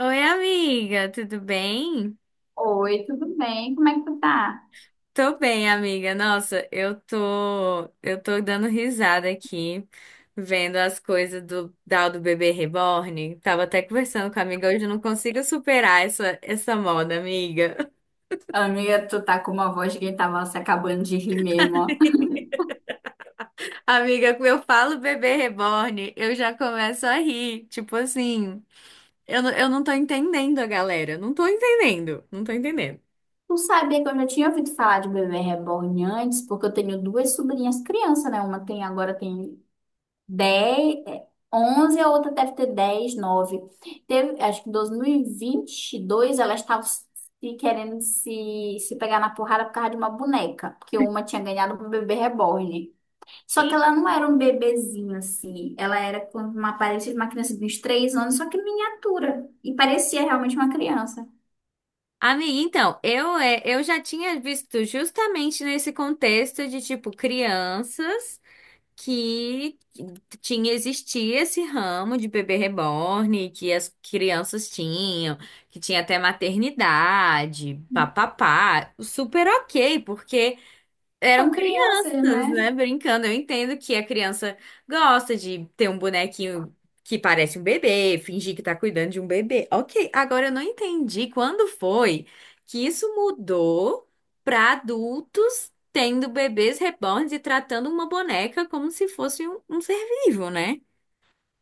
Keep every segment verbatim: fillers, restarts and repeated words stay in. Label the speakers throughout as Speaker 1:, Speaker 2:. Speaker 1: Oi, amiga, tudo bem?
Speaker 2: Oi, tudo bem? Como é que tu tá?
Speaker 1: Tô bem, amiga. Nossa, eu tô, eu tô dando risada aqui, vendo as coisas do tal do bebê reborn. Tava até conversando com a amiga hoje, eu não consigo superar essa essa moda, amiga.
Speaker 2: Amiga, tu tá com uma voz que tava se acabando de rir mesmo, ó.
Speaker 1: Amiga, quando eu falo bebê reborn, eu já começo a rir, tipo assim, eu, não- eu não tô entendendo a galera, não tô entendendo, não tô entendendo.
Speaker 2: Tu sabia que eu já tinha ouvido falar de bebê reborn antes, porque eu tenho duas sobrinhas criança, né? Uma tem agora tem dez, é, onze, a outra deve ter dez, nove. Teve, acho que em dois mil e vinte e dois elas estavam se querendo se, se pegar na porrada por causa de uma boneca, porque uma tinha ganhado um bebê reborn. Só que ela não era um bebezinho assim. Ela era com uma aparência de uma criança de uns três anos, só que miniatura. E parecia realmente uma criança.
Speaker 1: Amiga, então, eu, é, eu já tinha visto justamente nesse contexto de, tipo, crianças que tinha, existia esse ramo de bebê reborn, que as crianças tinham, que tinha até maternidade, papapá, super ok, porque eram
Speaker 2: São crianças,
Speaker 1: crianças,
Speaker 2: né?
Speaker 1: né? Brincando. Eu entendo que a criança gosta de ter um bonequinho que parece um bebê, fingir que tá cuidando de um bebê. Ok, agora eu não entendi quando foi que isso mudou pra adultos tendo bebês reborns e tratando uma boneca como se fosse um, um ser vivo, né?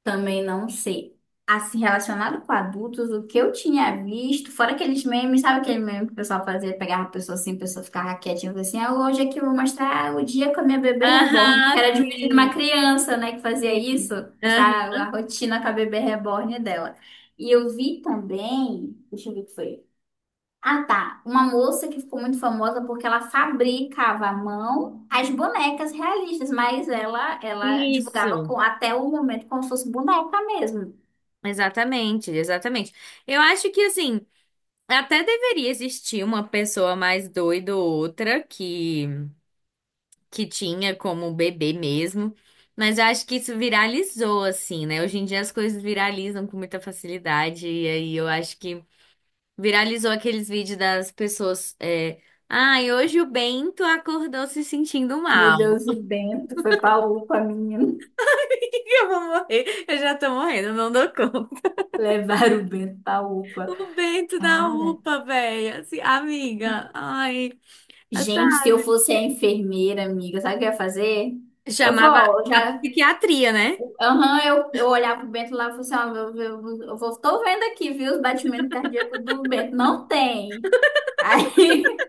Speaker 2: Também não sei. Assim, relacionado com adultos, o que eu tinha visto, fora aqueles memes, sabe aquele meme que o pessoal fazia, pegava a pessoa assim, a pessoa ficava quietinha, falava assim, ah, hoje aqui eu vou mostrar o dia com a minha bebê reborn. Que
Speaker 1: Aham,
Speaker 2: era de um vídeo de uma
Speaker 1: sim.
Speaker 2: criança, né, que fazia
Speaker 1: Sim.
Speaker 2: isso,
Speaker 1: Aham.
Speaker 2: mostrar a rotina com a bebê reborn dela. E eu vi também, deixa eu ver o que foi. Ah, tá. Uma moça que ficou muito famosa porque ela fabricava à mão as bonecas realistas, mas ela ela divulgava
Speaker 1: Isso.
Speaker 2: com, até o momento como se fosse boneca mesmo.
Speaker 1: Exatamente, exatamente. Eu acho que assim. Até deveria existir uma pessoa mais doida ou outra que, que tinha como bebê mesmo, mas eu acho que isso viralizou assim, né? Hoje em dia as coisas viralizam com muita facilidade, e aí eu acho que viralizou aqueles vídeos das pessoas. É. Ai, hoje o Bento acordou se sentindo
Speaker 2: Meu
Speaker 1: mal.
Speaker 2: Deus, o Bento foi pra UPA, menino.
Speaker 1: Eu vou morrer, eu já tô morrendo, não dou conta.
Speaker 2: Levaram o Bento pra UPA.
Speaker 1: O Bento da
Speaker 2: Cara,
Speaker 1: U P A, velho, assim, amiga, ai,
Speaker 2: gente, se eu
Speaker 1: sabe?
Speaker 2: fosse a enfermeira, amiga, sabe o que eu ia fazer? Eu vou,
Speaker 1: Chamava
Speaker 2: ó,
Speaker 1: a
Speaker 2: já.
Speaker 1: psiquiatria, né?
Speaker 2: Aham, eu, eu olhava pro Bento lá e falava assim: ó, eu, eu, eu vou, tô vendo aqui, viu, os batimentos cardíacos do Bento. Não tem. Aí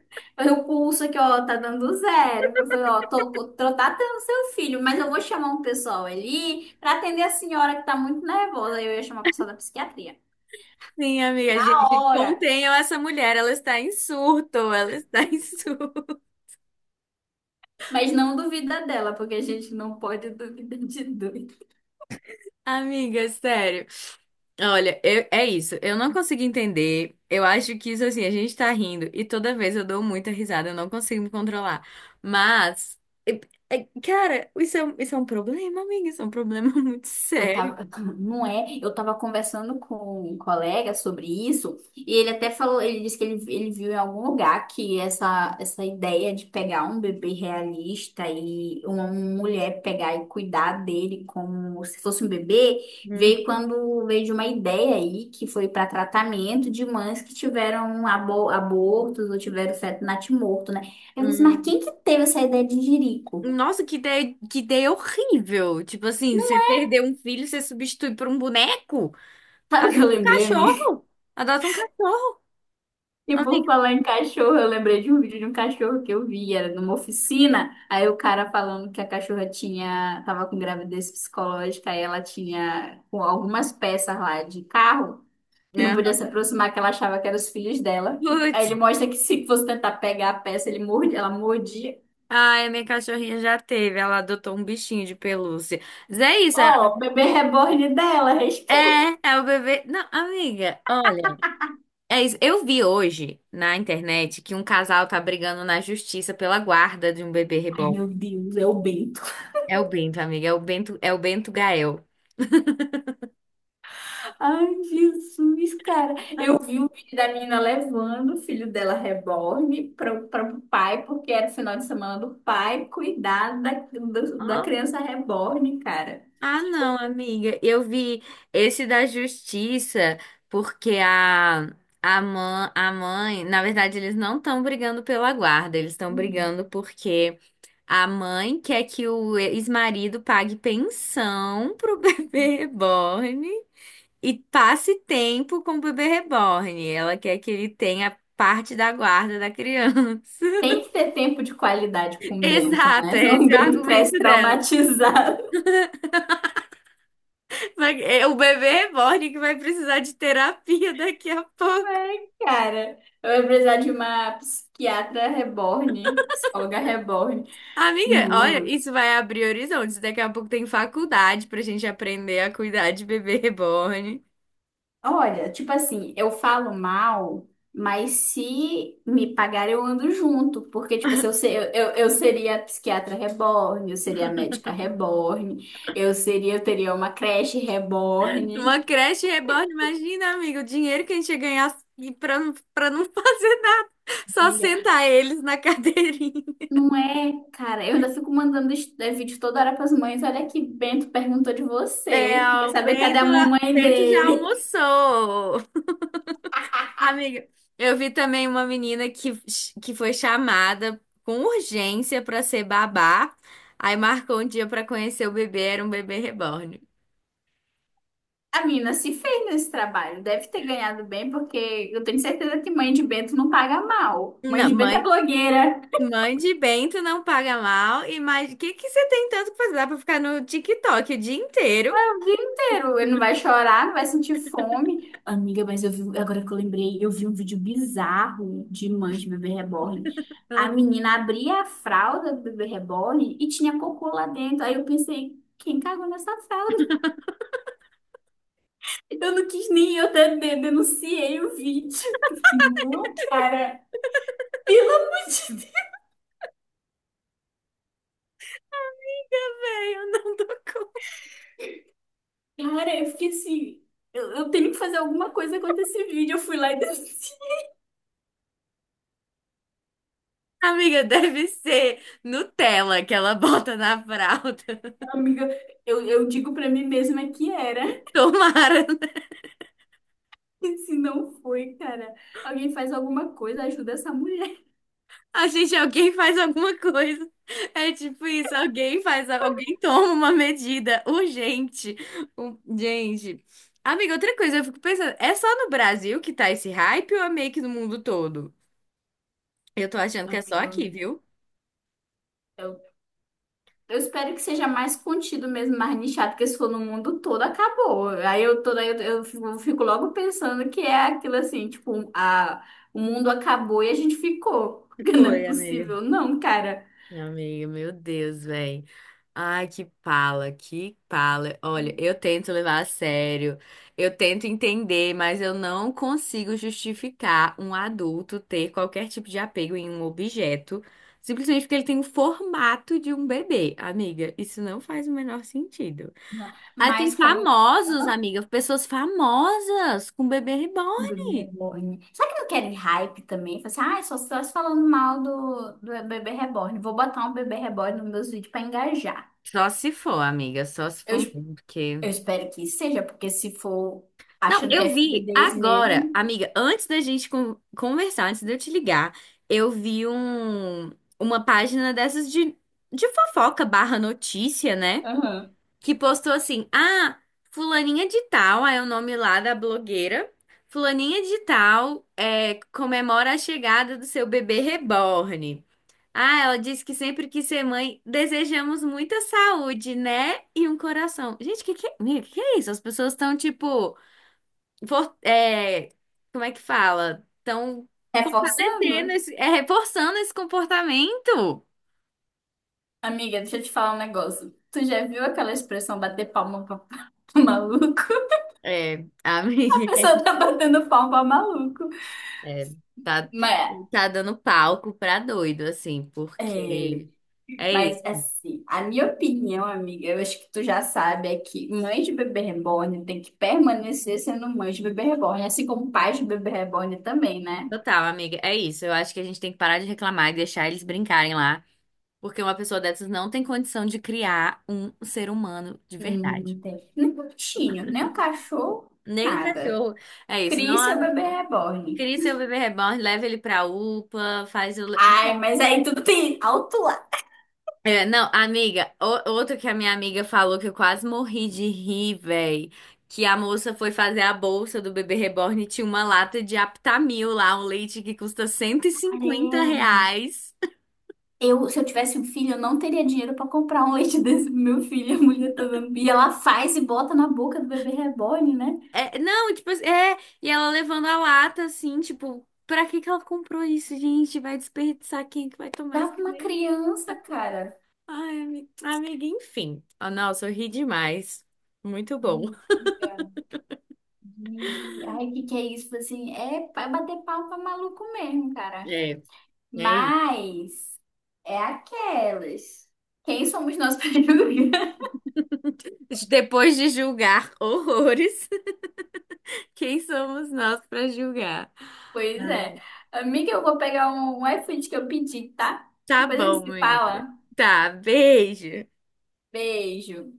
Speaker 2: eu pulso aqui, ó, tá dando zero. Eu falei, ó, tô, tô tratando seu filho, mas eu vou chamar um pessoal ali pra atender a senhora que tá muito nervosa. Aí Eu ia chamar o pessoal da psiquiatria.
Speaker 1: Sim, amiga,
Speaker 2: A
Speaker 1: gente,
Speaker 2: hora,
Speaker 1: contenham essa mulher, ela está em surto, ela está em surto.
Speaker 2: mas não duvida dela, porque a gente não pode duvidar de doido.
Speaker 1: Amiga, sério. Olha, eu- é isso, eu não consigo entender. Eu acho que isso assim, a gente tá rindo e toda vez eu dou muita risada, eu não consigo me controlar. Mas, é- é- cara, isso é, um- isso é um problema, amiga, isso é um problema muito
Speaker 2: Eu
Speaker 1: sério.
Speaker 2: tava, não é? Eu tava conversando com um colega sobre isso e ele até falou, ele disse que ele, ele viu em algum lugar que essa, essa ideia de pegar um bebê realista e uma mulher pegar e cuidar dele como se fosse um bebê,
Speaker 1: Hum,
Speaker 2: veio quando veio de uma ideia aí que foi para tratamento de mães que tiveram abo- abortos ou tiveram feto natimorto, né? Eu disse, mas quem
Speaker 1: hum.
Speaker 2: que teve essa ideia de jirico?
Speaker 1: Nossa, que ideia, que ideia horrível. Tipo assim, você perdeu um filho, você substitui por um boneco?
Speaker 2: Sabe o que
Speaker 1: Adota
Speaker 2: eu
Speaker 1: um
Speaker 2: lembrei, amigo?
Speaker 1: cachorro. Adota um cachorro.
Speaker 2: E
Speaker 1: Ai,
Speaker 2: por falar em cachorro, eu lembrei de um vídeo de um cachorro que eu vi, era numa oficina, aí o cara falando que a cachorra tinha, tava com gravidez psicológica, aí ela tinha com algumas peças lá de carro que não podia
Speaker 1: aham.
Speaker 2: se aproximar, que ela achava que eram os filhos dela. Aí
Speaker 1: Putz.
Speaker 2: ele mostra que se fosse tentar pegar a peça, ele morde, ela mordia.
Speaker 1: Ai, a minha cachorrinha já teve. Ela adotou um bichinho de pelúcia. Mas é isso.
Speaker 2: Ó,
Speaker 1: É,
Speaker 2: o bebê reborn dela, respeita.
Speaker 1: é é o bebê. Não, amiga, olha. É isso. Eu vi hoje na internet que um casal tá brigando na justiça pela guarda de um bebê
Speaker 2: Ai,
Speaker 1: reborn.
Speaker 2: meu Deus, é o Bento.
Speaker 1: É o Bento, amiga. É o Bento, é o Bento Gael.
Speaker 2: Ai, Jesus, cara. Eu vi um vídeo da menina levando o filho dela reborn para o pai, porque era o final de semana do pai cuidar da, do- da
Speaker 1: Ah.
Speaker 2: criança reborn, cara.
Speaker 1: Ah, não, amiga. Eu vi esse da justiça, porque a, a, mãe, a mãe, na verdade, eles não estão brigando pela guarda, eles estão
Speaker 2: Uhum.
Speaker 1: brigando porque a mãe quer que o ex-marido pague pensão pro bebê reborn e passe tempo com o bebê reborn. Ela quer que ele tenha parte da guarda da criança.
Speaker 2: Tem que ter tempo de qualidade com o Bento,
Speaker 1: Exato,
Speaker 2: né?
Speaker 1: é
Speaker 2: Senão o
Speaker 1: esse o
Speaker 2: Bento cresce
Speaker 1: argumento dela.
Speaker 2: traumatizado,
Speaker 1: Vai- é o bebê reborn que vai precisar de terapia daqui a pouco.
Speaker 2: cara. Eu ia precisar de uma psiquiatra reborn, psicóloga reborn.
Speaker 1: Amiga, olha,
Speaker 2: Mano.
Speaker 1: isso vai abrir horizontes. Daqui a pouco tem faculdade pra gente aprender a cuidar de bebê reborn.
Speaker 2: Olha, tipo assim, eu falo mal, mas se me pagar, eu ando junto. Porque, tipo assim, eu, se- eu, eu, eu seria psiquiatra reborn, eu seria médica reborn, eu seria, eu teria uma creche reborn.
Speaker 1: Uma creche reborn, imagina, amiga, o dinheiro que a gente ia ganhar e pra, não- pra não fazer nada, só
Speaker 2: Amiga,
Speaker 1: sentar eles na cadeirinha.
Speaker 2: não é, cara, eu ainda fico mandando est- eh, vídeo toda hora pras mães. Olha que Bento perguntou de
Speaker 1: É,
Speaker 2: você. Quer
Speaker 1: o
Speaker 2: saber cadê
Speaker 1: Bento,
Speaker 2: a mamãe
Speaker 1: Bento já
Speaker 2: dele?
Speaker 1: almoçou. Amiga, eu vi também uma menina que, que foi chamada com urgência pra ser babá. Aí marcou um dia pra conhecer o bebê, era um bebê reborn.
Speaker 2: A mina se fez nesse trabalho, deve ter ganhado bem, porque eu tenho certeza que mãe de Bento não paga mal. Mãe
Speaker 1: Não,
Speaker 2: de Bento é
Speaker 1: mãe,
Speaker 2: blogueira.
Speaker 1: mãe de bento não paga mal. E mais, o que que você tem tanto que fazer? Dá pra ficar no TikTok o dia inteiro?
Speaker 2: O dia inteiro. Ele não vai chorar, não vai sentir fome. Amiga, mas eu vi, agora que eu lembrei, eu vi um vídeo bizarro de mãe de bebê reborn. A menina abria a fralda do bebê reborn e tinha cocô lá dentro. Aí eu pensei, quem cagou nessa fralda? Eu não quis nem, Eu até de- denunciei o vídeo. Eu fiquei, não, cara, pelo amor de Deus.
Speaker 1: Véi, eu não dou conta.
Speaker 2: Cara, eu fiquei assim, eu, eu tenho que fazer alguma coisa contra esse vídeo. Eu fui lá e denunciei.
Speaker 1: Amiga, deve ser Nutella que ela bota na fralda.
Speaker 2: Amiga, eu, eu digo pra mim mesma que era.
Speaker 1: Tomara.
Speaker 2: Se não foi, cara, alguém faz alguma coisa, ajuda essa mulher.
Speaker 1: A gente, alguém faz alguma coisa. É tipo isso, alguém faz, alguém toma uma medida urgente. Um- Gente. Amiga, outra coisa, eu fico pensando, é só no Brasil que tá esse hype ou é meio que no mundo todo? Eu tô achando que é só
Speaker 2: Amigo,
Speaker 1: aqui, viu?
Speaker 2: eu, eu espero que seja mais contido mesmo, mais nichado, porque se for no mundo todo, acabou. Aí eu toda eu, eu fico fico logo pensando que é aquilo assim, tipo, a, o mundo acabou e a gente ficou. Porque não é
Speaker 1: Foi, amiga.
Speaker 2: possível, não, cara.
Speaker 1: Amiga, meu Deus, velho. Ai, que pala, que pala. Olha, eu tento levar a sério, eu tento entender, mas eu não consigo justificar um adulto ter qualquer tipo de apego em um objeto, simplesmente porque ele tem o formato de um bebê. Amiga, isso não faz o menor sentido.
Speaker 2: Não.
Speaker 1: Aí tem
Speaker 2: Mas como eu
Speaker 1: famosos,
Speaker 2: amo
Speaker 1: amiga, pessoas famosas com bebê
Speaker 2: bebê
Speaker 1: reborn.
Speaker 2: reborn. Será que não querem hype também? Fala assim, ah, só estás falando mal do, do bebê reborn. Vou botar um bebê reborn nos meus vídeos pra engajar.
Speaker 1: Só se for, amiga, só se
Speaker 2: Eu
Speaker 1: for mesmo, porque.
Speaker 2: Eu espero que seja, porque se for
Speaker 1: Não,
Speaker 2: achando que
Speaker 1: eu
Speaker 2: é filho
Speaker 1: vi
Speaker 2: deles
Speaker 1: agora,
Speaker 2: mesmo,
Speaker 1: amiga, antes da gente con- conversar, antes de eu te ligar, eu vi um, uma página dessas de, de fofoca barra notícia, né?
Speaker 2: aham,
Speaker 1: Que postou assim, ah, fulaninha de tal, aí é o nome lá da blogueira, fulaninha de tal é, comemora a chegada do seu bebê reborn. Ah, ela disse que sempre quis ser mãe, desejamos muita saúde, né? E um coração. Gente, que que, é, amiga, que que é isso? As pessoas estão tipo for- é, como é que fala? Estão fortalecendo
Speaker 2: reforçando.
Speaker 1: esse, é, reforçando esse comportamento.
Speaker 2: Amiga, deixa eu te falar um negócio. Tu já viu aquela expressão bater palma pra maluco?
Speaker 1: É, amiga,
Speaker 2: A pessoa tá batendo palma pra maluco.
Speaker 1: é, tá,
Speaker 2: Mas,
Speaker 1: tá dando palco pra doido, assim,
Speaker 2: é,
Speaker 1: porque é
Speaker 2: mas
Speaker 1: isso.
Speaker 2: assim, a minha opinião, amiga, eu acho que tu já sabe, é que mãe de bebê reborn tem que permanecer sendo mãe de bebê reborn, assim como pai de bebê reborn também, né?
Speaker 1: Total, amiga, é isso. Eu acho que a gente tem que parar de reclamar e deixar eles brincarem lá, porque uma pessoa dessas não tem condição de criar um ser humano de
Speaker 2: Hum,
Speaker 1: verdade.
Speaker 2: não tem. Nem um bichinho, nem um cachorro,
Speaker 1: Nem o
Speaker 2: nada.
Speaker 1: cachorro. É isso, não.
Speaker 2: Crie
Speaker 1: Há-
Speaker 2: seu bebê reborn.
Speaker 1: Cria seu bebê reborn, leva ele pra U P A, faz o
Speaker 2: Ai, mas aí tudo tem alto lá.
Speaker 1: É, não, amiga, o- outro que a minha amiga falou que eu quase morri de rir, véi. Que a moça foi fazer a bolsa do bebê reborn e tinha uma lata de Aptamil lá, um leite que custa cento e cinquenta
Speaker 2: Caralho.
Speaker 1: reais.
Speaker 2: Eu, se eu tivesse um filho, eu não teria dinheiro pra comprar um leite desse pro meu filho. A mulher tá dando. E ela faz e bota na boca do bebê reborn, né?
Speaker 1: É, não, tipo, assim, é, e ela levando a lata assim, tipo, pra que que ela comprou isso, gente? Vai desperdiçar quem é que vai tomar
Speaker 2: Dá
Speaker 1: isso
Speaker 2: pra uma
Speaker 1: também?
Speaker 2: criança, cara.
Speaker 1: Ai, ami- amiga, enfim. Ah, nossa, eu ri demais. Muito bom.
Speaker 2: Ai, cara. E- ai, que que é isso? Tipo assim, é pra bater palma pra maluco mesmo, cara.
Speaker 1: É, é
Speaker 2: Mas é aquelas. Quem somos nós para julgar?
Speaker 1: isso. Depois de julgar horrores. Quem somos nós para julgar?
Speaker 2: Pois é.
Speaker 1: Ai,
Speaker 2: Amiga, eu vou pegar um, um iFood que eu pedi, tá?
Speaker 1: tá
Speaker 2: Depois a gente
Speaker 1: bom,
Speaker 2: se
Speaker 1: amiga.
Speaker 2: fala.
Speaker 1: Tá, beijo.
Speaker 2: Beijo.